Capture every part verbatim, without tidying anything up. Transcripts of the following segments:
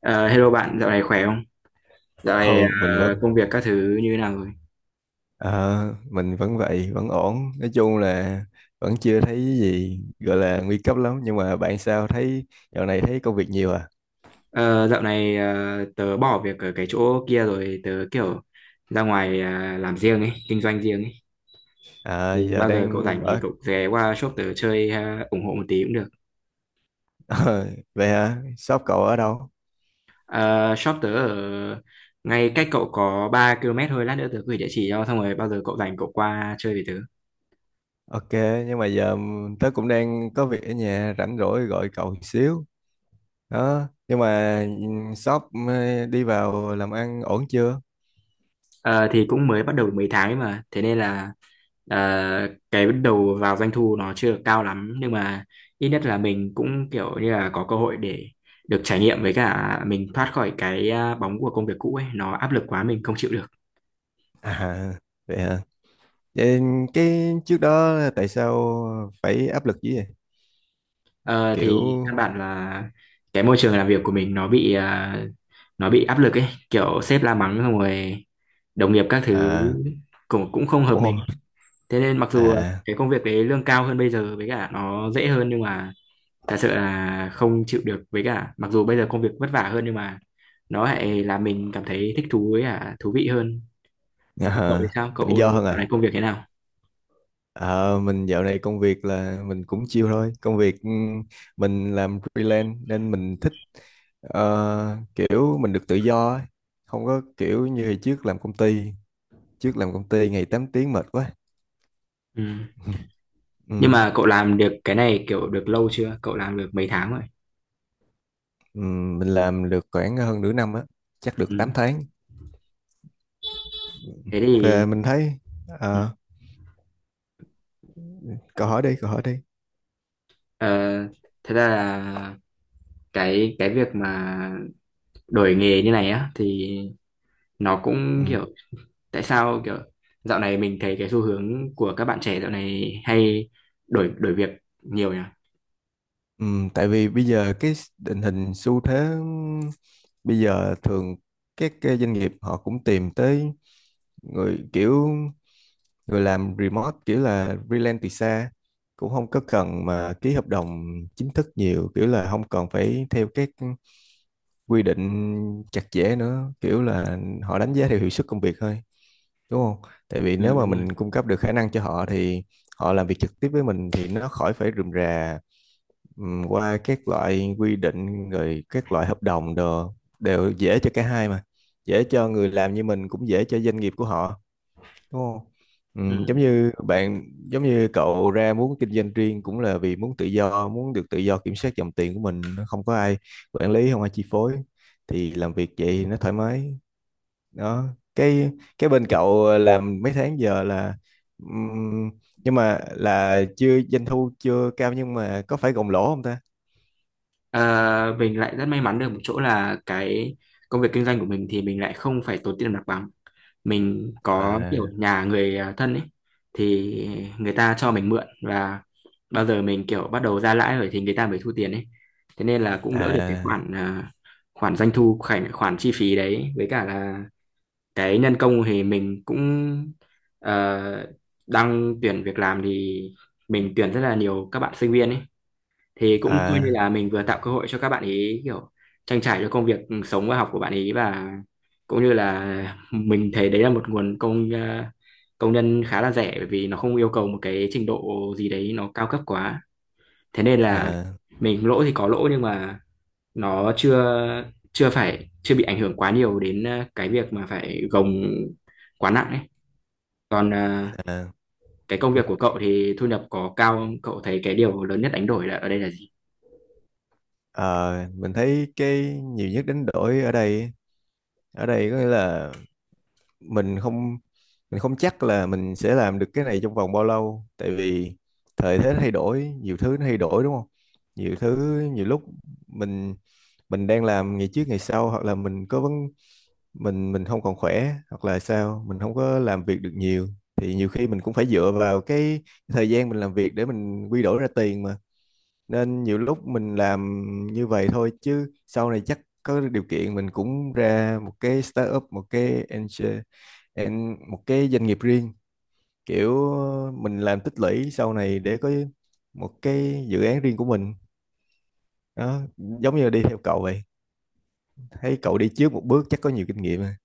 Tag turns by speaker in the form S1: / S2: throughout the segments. S1: Ờ, Hello bạn, dạo này khỏe không? Dạo này
S2: Ừ, mình vẫn
S1: ờ, công việc các thứ như thế nào rồi?
S2: ờ, mình vẫn vậy, vẫn ổn. Nói chung là vẫn chưa thấy cái gì gọi là nguy cấp lắm, nhưng mà bạn sao thấy dạo này thấy công việc nhiều à?
S1: Ờ, Dạo này ờ, tớ bỏ việc ở cái chỗ kia rồi, tớ kiểu ra ngoài ờ, làm riêng ấy, kinh doanh riêng ấy.
S2: À
S1: Thì
S2: giờ
S1: bao giờ cậu
S2: đang
S1: rảnh thì
S2: ở
S1: cậu ghé qua shop tớ chơi, ờ, ủng hộ một tí cũng được.
S2: ờ, vậy hả? Shop cậu ở đâu?
S1: Ờ, Shop tớ ở ngay cách cậu có ba ki lô mét thôi, lát nữa tớ gửi địa chỉ cho, xong rồi bao giờ cậu rảnh cậu qua chơi với tớ.
S2: Ok, nhưng mà giờ tớ cũng đang có việc ở nhà rảnh rỗi gọi cậu xíu. Đó, nhưng mà ừ, shop ờ, đi vào làm ăn ổn chưa?
S1: Ờ, thì cũng mới bắt đầu được mấy tháng ấy mà, thế nên là ờ, cái bắt đầu vào doanh thu nó chưa được cao lắm, nhưng mà ít nhất là mình cũng kiểu như là có cơ hội để được trải nghiệm, với cả mình thoát khỏi cái à, bóng của công việc cũ ấy, nó áp lực quá mình không chịu được.
S2: À vậy hả? Vậy cái trước đó tại sao phải áp lực dữ vậy?
S1: Ờ, thì
S2: Kiểu.
S1: căn bản là cái môi trường làm việc của mình nó bị à, nó bị áp lực ấy, kiểu sếp la mắng xong rồi đồng nghiệp các thứ
S2: À,
S1: cũng cũng không hợp
S2: cũng
S1: mình,
S2: không-
S1: thế nên mặc dù
S2: à,
S1: cái công việc đấy lương cao hơn bây giờ với cả nó dễ hơn, nhưng mà thật sự là không chịu được, với cả mặc dù bây giờ công việc vất vả hơn nhưng mà nó lại làm mình cảm thấy thích thú với cả thú vị hơn.
S2: à
S1: Còn cậu thì sao,
S2: tự
S1: cậu
S2: do hơn
S1: dạo
S2: à.
S1: này công việc thế nào?
S2: Ờ, mình dạo này công việc là mình cũng chill thôi. Công việc ừm, mình làm freelance nên mình thích, ờ, kiểu mình được tự do ấy. Không có kiểu như hồi trước làm công ty. Trước làm công ty ngày tám tiếng mệt quá.
S1: Ừ. Nhưng
S2: Ừm,
S1: mà cậu làm được cái này kiểu được lâu chưa, cậu làm được mấy tháng rồi?
S2: ừm, mình làm được khoảng hơn nửa năm á, chắc được
S1: Ừ.
S2: tám tháng.
S1: Thế thì
S2: Về mình thấy ờ, câu hỏi đi, câu hỏi đi.
S1: ờ, thật ra là cái cái việc mà đổi nghề như này á thì nó
S2: Ừ.
S1: cũng kiểu, tại sao kiểu dạo này mình thấy cái xu hướng của các bạn trẻ dạo này hay đổi đổi việc nhiều nhỉ?
S2: Ừ, tại vì bây giờ cái tình hình xu thế bây giờ thường các cái doanh nghiệp họ cũng tìm tới người kiểu người làm remote kiểu là freelance từ xa, cũng không có cần mà ký hợp đồng chính thức nhiều, kiểu là không cần phải theo các quy định chặt chẽ nữa, kiểu là họ đánh giá theo hiệu suất công việc thôi đúng không? Tại vì nếu
S1: Ừ,
S2: mà
S1: đúng rồi.
S2: mình cung cấp được khả năng cho họ thì họ làm việc trực tiếp với mình thì nó khỏi phải rườm rà. Ừm, qua các loại quy định rồi các loại hợp đồng đồ đều dễ cho cả hai mà, dễ cho người làm như mình cũng dễ cho doanh nghiệp của họ đúng không.
S1: Ừ.
S2: Ừm, giống như bạn, giống như cậu ra muốn kinh doanh riêng cũng là vì muốn tự do, muốn được tự do kiểm soát dòng tiền của mình, nó không có ai quản lý, không ai chi phối, thì làm việc vậy thì nó thoải mái. Đó, cái cái bên cậu làm mấy tháng giờ là, ừm, nhưng mà là chưa doanh thu chưa cao, nhưng mà có phải gồng lỗ không ta?
S1: Ờ, mình lại rất may mắn được một chỗ là cái công việc kinh doanh của mình thì mình lại không phải tốn tiền mặt bằng. Mình có kiểu
S2: À.
S1: nhà người à, thân ấy thì người ta cho mình mượn, và bao giờ mình kiểu bắt đầu ra lãi rồi thì người ta mới thu tiền ấy. Thế nên là cũng đỡ được cái
S2: À.
S1: khoản, à, khoản doanh thu, khoản khoản chi phí đấy. Với cả là cái nhân công thì mình cũng ờ, đang tuyển việc làm, thì mình tuyển rất là nhiều các bạn sinh viên ấy, thì cũng coi như
S2: À.
S1: là mình vừa tạo cơ hội cho các bạn ấy kiểu trang trải cho công việc, ừ, sống và học của bạn ấy, và cũng như là mình thấy đấy là một nguồn công, ờ, công nhân khá là rẻ, bởi vì nó không yêu cầu một cái trình độ gì đấy nó cao cấp quá. Thế nên là
S2: À.
S1: mình lỗ thì có lỗ, nhưng mà nó chưa, chưa phải chưa bị ảnh hưởng quá nhiều đến ờ, cái việc mà phải gồng quá nặng ấy. Còn ờ,
S2: À.
S1: cái công việc của cậu thì thu nhập có cao không? Cậu thấy cái điều lớn nhất đánh đổi là ở đây là gì?
S2: Ờ, mình thấy cái nhiều nhất đánh đổi ở đây, ở đây có nghĩa là mình không mình không chắc là mình sẽ làm được cái này trong vòng bao lâu, tại vì thời thế thay đổi, nhiều thứ nó thay đổi đúng không, nhiều thứ. Nhiều lúc mình mình đang làm ngày trước ngày sau, hoặc là mình có vấn, mình mình không còn khỏe hoặc là sao mình không có làm việc được nhiều, thì nhiều khi mình cũng phải dựa vào cái thời gian mình làm việc để mình quy đổi ra tiền mà. Nên nhiều lúc mình làm như vậy thôi, chứ sau này chắc có điều kiện mình cũng ra một cái startup, một cái angel, an- một cái doanh nghiệp riêng, kiểu mình làm tích lũy sau này để có một cái dự án riêng của mình. Đó, giống như là đi theo cậu vậy, thấy cậu đi trước một bước chắc có nhiều kinh nghiệm à.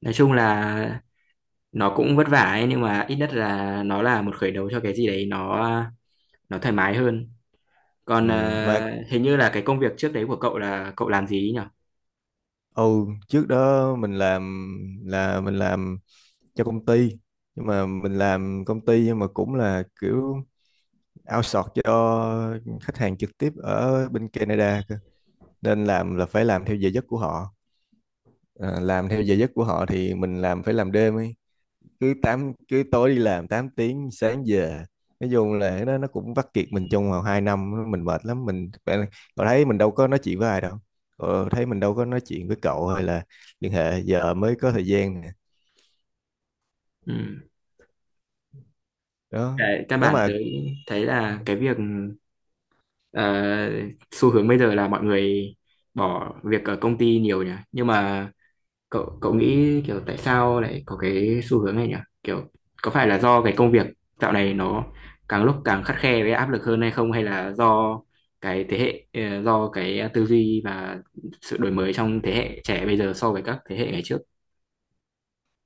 S1: Nói chung là nó cũng vất vả ấy, nhưng mà ít nhất là nó là một khởi đầu cho cái gì đấy nó nó thoải mái hơn.
S2: Ừ,
S1: Còn
S2: mà
S1: ờ, hình như là cái công việc trước đấy của cậu là cậu làm gì ấy nhỉ?
S2: ừ, trước đó mình làm, là mình làm cho công ty, nhưng mà mình làm công ty nhưng mà cũng là kiểu outsource cho khách hàng trực tiếp ở bên Canada cơ. Nên làm là phải làm theo giờ giấc của họ. Ờ, làm theo giờ giấc của họ thì mình làm phải làm đêm ấy, cứ tám, cứ tối đi làm tám tiếng sáng về. Nói chung là cái đó nó cũng vắt kiệt mình trong vòng hai năm, mình mệt lắm, mình bạn-, cậu thấy mình đâu có nói chuyện với ai đâu, cậu thấy mình đâu có nói chuyện với cậu hay là liên hệ, giờ mới có thời gian nè.
S1: Ừ.
S2: Đó,
S1: Cái căn
S2: nếu
S1: bản
S2: mà.
S1: tới thấy là cái việc ờ, xu hướng bây giờ là mọi người bỏ việc ở công ty nhiều nhỉ, nhưng mà cậu cậu nghĩ kiểu tại sao lại có cái xu hướng này nhỉ? Kiểu có phải là do cái công việc dạo này nó càng lúc càng khắt khe với áp lực hơn hay không, hay là do cái thế hệ, ờ, do cái tư duy và sự đổi mới trong thế hệ trẻ bây giờ so với các thế hệ ngày trước?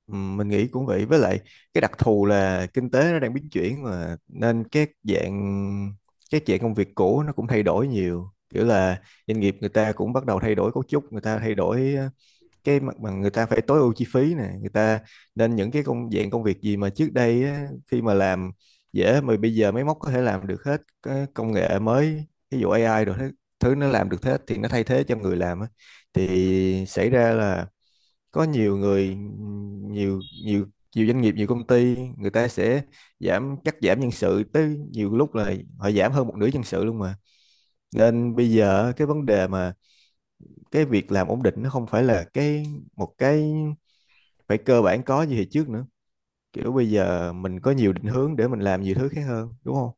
S2: Ừ, mình nghĩ cũng vậy, với lại cái đặc thù là kinh tế nó đang biến chuyển mà, nên các dạng, các dạng công việc cũ nó cũng thay đổi nhiều, kiểu là doanh nghiệp người ta cũng bắt đầu thay đổi cấu trúc, người ta thay đổi ờ, cái mặt bằng, người ta phải tối ưu chi phí nè, người ta, nên những cái công dạng công việc gì mà trước đây á, khi mà làm dễ, mà bây giờ máy móc có thể làm được hết, cái công nghệ mới ví dụ ây ai rồi thứ, thứ nó làm được hết thì nó thay thế cho người làm á. Thì xảy ra là có nhiều người, nhiều nhiều nhiều doanh nghiệp, nhiều công ty người ta sẽ giảm, cắt giảm nhân sự tới, nhiều lúc là họ giảm hơn một nửa nhân sự luôn mà. Nên bây giờ cái vấn đề mà cái việc làm ổn định nó không phải là cái một cái phải cơ bản có như hồi trước nữa, kiểu bây giờ mình có nhiều định hướng để mình làm nhiều thứ khác hơn đúng không.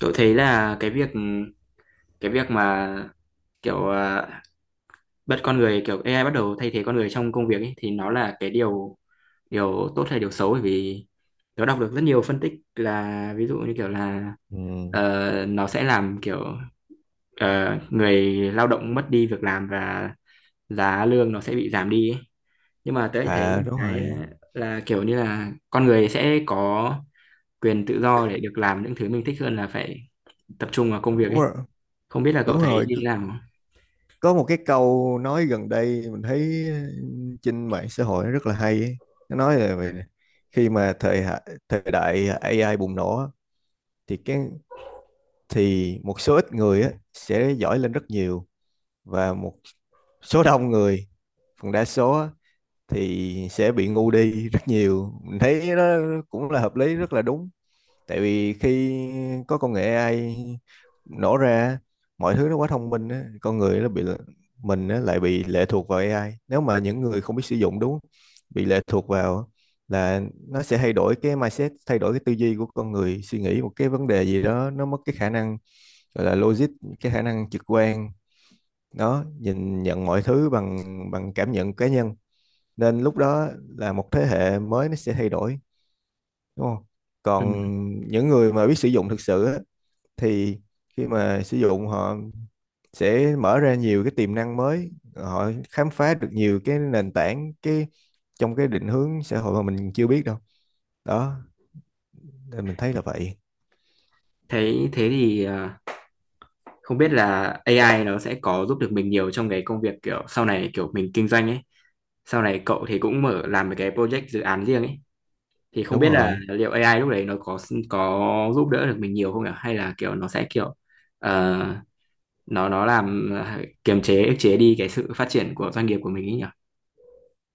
S1: Cậu thấy là cái việc, cái việc mà kiểu à, bất con người kiểu a i bắt đầu thay thế con người trong công việc ấy, thì nó là cái điều, điều tốt hay điều xấu? Bởi vì nó đọc được rất nhiều phân tích là ví dụ như kiểu là
S2: Ừ.
S1: ờ, nó sẽ làm kiểu ờ, người lao động mất đi việc làm, và giá lương nó sẽ bị giảm đi ấy. Nhưng mà tớ lại thấy
S2: À đúng
S1: cái
S2: rồi.
S1: là kiểu như là con người sẽ có quyền tự do để được làm những thứ mình thích hơn là phải tập trung vào công việc
S2: Đúng
S1: ấy.
S2: rồi.
S1: Không biết là cậu
S2: Đúng
S1: thấy
S2: rồi,
S1: như thế nào?
S2: có một cái câu nói gần đây mình thấy trên mạng xã hội nó rất là hay ấy. Nó nói là về khi mà thời hạ- thời đại a i bùng nổ á, thì cái, thì một số ít người á, sẽ giỏi lên rất nhiều, và một số đông người, phần đa số á, thì sẽ bị ngu đi rất nhiều. Mình thấy nó cũng là hợp lý, rất là đúng, tại vì khi có công nghệ a i nổ ra, mọi thứ nó quá thông minh á, con người nó bị, mình á, lại bị lệ thuộc vào a i, nếu mà những người không biết sử dụng đúng, bị lệ thuộc vào, là nó sẽ thay đổi cái mindset, thay đổi cái tư duy của con người, suy nghĩ một cái vấn đề gì đó nó mất cái khả năng gọi là logic, cái khả năng trực quan đó, nhìn nhận mọi thứ bằng, bằng cảm nhận cá nhân. Nên lúc đó là một thế hệ mới nó sẽ thay đổi đúng không.
S1: Ừ.
S2: Còn những người mà biết sử dụng thực sự á, thì khi mà sử dụng, họ sẽ mở ra nhiều cái tiềm năng mới, họ khám phá được nhiều cái nền tảng, cái trong cái định hướng xã hội mà mình chưa biết đâu. Đó, nên mình thấy là vậy.
S1: Thấy thế thì ờ, không biết là a i nó sẽ có giúp được mình nhiều trong cái công việc kiểu sau này, kiểu mình kinh doanh ấy, sau này cậu thì cũng mở làm một cái project, dự án riêng ấy, thì không
S2: Đúng
S1: biết là
S2: rồi.
S1: liệu a i lúc đấy nó có có giúp đỡ được mình nhiều không nhỉ, hay là kiểu nó sẽ kiểu ờ, nó nó làm ờ, kiềm chế ức chế đi cái sự phát triển của doanh nghiệp của mình ấy nhỉ?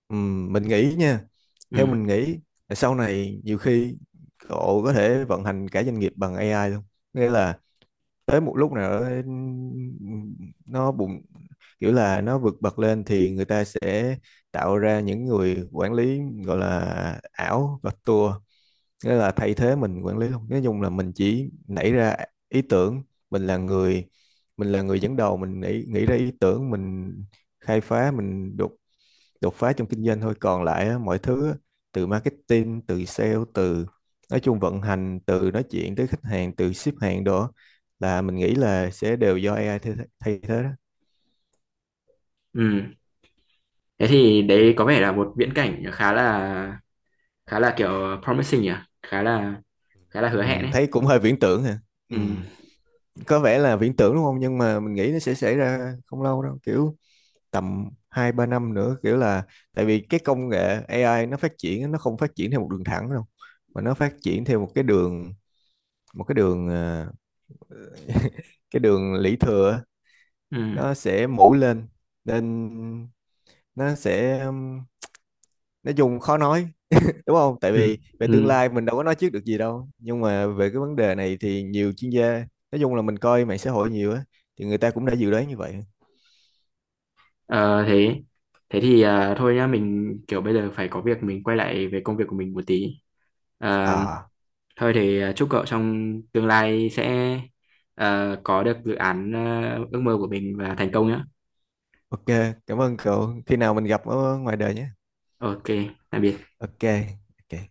S2: Ừm, mình nghĩ nha,
S1: Ừ.
S2: theo mình nghĩ là sau này nhiều khi cậu có thể vận hành cả doanh nghiệp bằng a i luôn. Nghĩa là tới một lúc nào đó nó bùng, kiểu là nó vượt bậc lên, thì người ta sẽ tạo ra những người quản lý gọi là ảo và tour, nghĩa là thay thế mình quản lý luôn. Nói chung là mình chỉ nảy ra ý tưởng, mình là người mình là người dẫn đầu, mình nghĩ, nghĩ ra ý tưởng, mình khai phá, mình đột đột phá trong kinh doanh thôi, còn lại á, mọi thứ á, từ marketing, từ sale, từ nói chung vận hành, từ nói chuyện tới khách hàng, từ ship hàng đồ á, là mình nghĩ là sẽ đều do ây ai thay, thay thế đó.
S1: Ừ. Thế thì đấy có vẻ là một viễn cảnh khá là, khá là kiểu promising nhỉ, khá là, khá là hứa
S2: Ừ,
S1: hẹn ấy.
S2: thấy cũng hơi viễn tưởng hả. Ừ,
S1: Ừ.
S2: có vẻ là viễn tưởng đúng không, nhưng mà mình nghĩ nó sẽ xảy ra không lâu đâu, kiểu tầm hai ba năm nữa, kiểu là tại vì cái công nghệ a i nó phát triển á, nó không phát triển theo một đường thẳng đâu, mà nó phát triển theo một cái đường một cái đường ờ, cái đường lũy thừa á,
S1: Ừ.
S2: nó sẽ mũ lên. Nên nó sẽ um, nói chung khó nói đúng không, tại
S1: Ừ.
S2: vì về tương
S1: Ừ.
S2: lai mình đâu có nói trước được gì đâu, nhưng mà về cái vấn đề này thì nhiều chuyên gia, nói chung là mình coi mạng xã hội nhiều á, thì người ta cũng đã dự đoán như vậy.
S1: Ờ, Thế, thế thì à, thôi nhá, mình kiểu bây giờ phải có việc, mình quay lại về công việc của mình một tí. Ờ,
S2: À
S1: Thôi thì à, chúc cậu trong tương lai sẽ, à, có được dự án, à, ước mơ của mình và thành công nhé.
S2: ok, cảm ơn cậu, khi nào mình gặp ở ngoài đời nhé.
S1: OK, tạm biệt.
S2: Ok. Ok.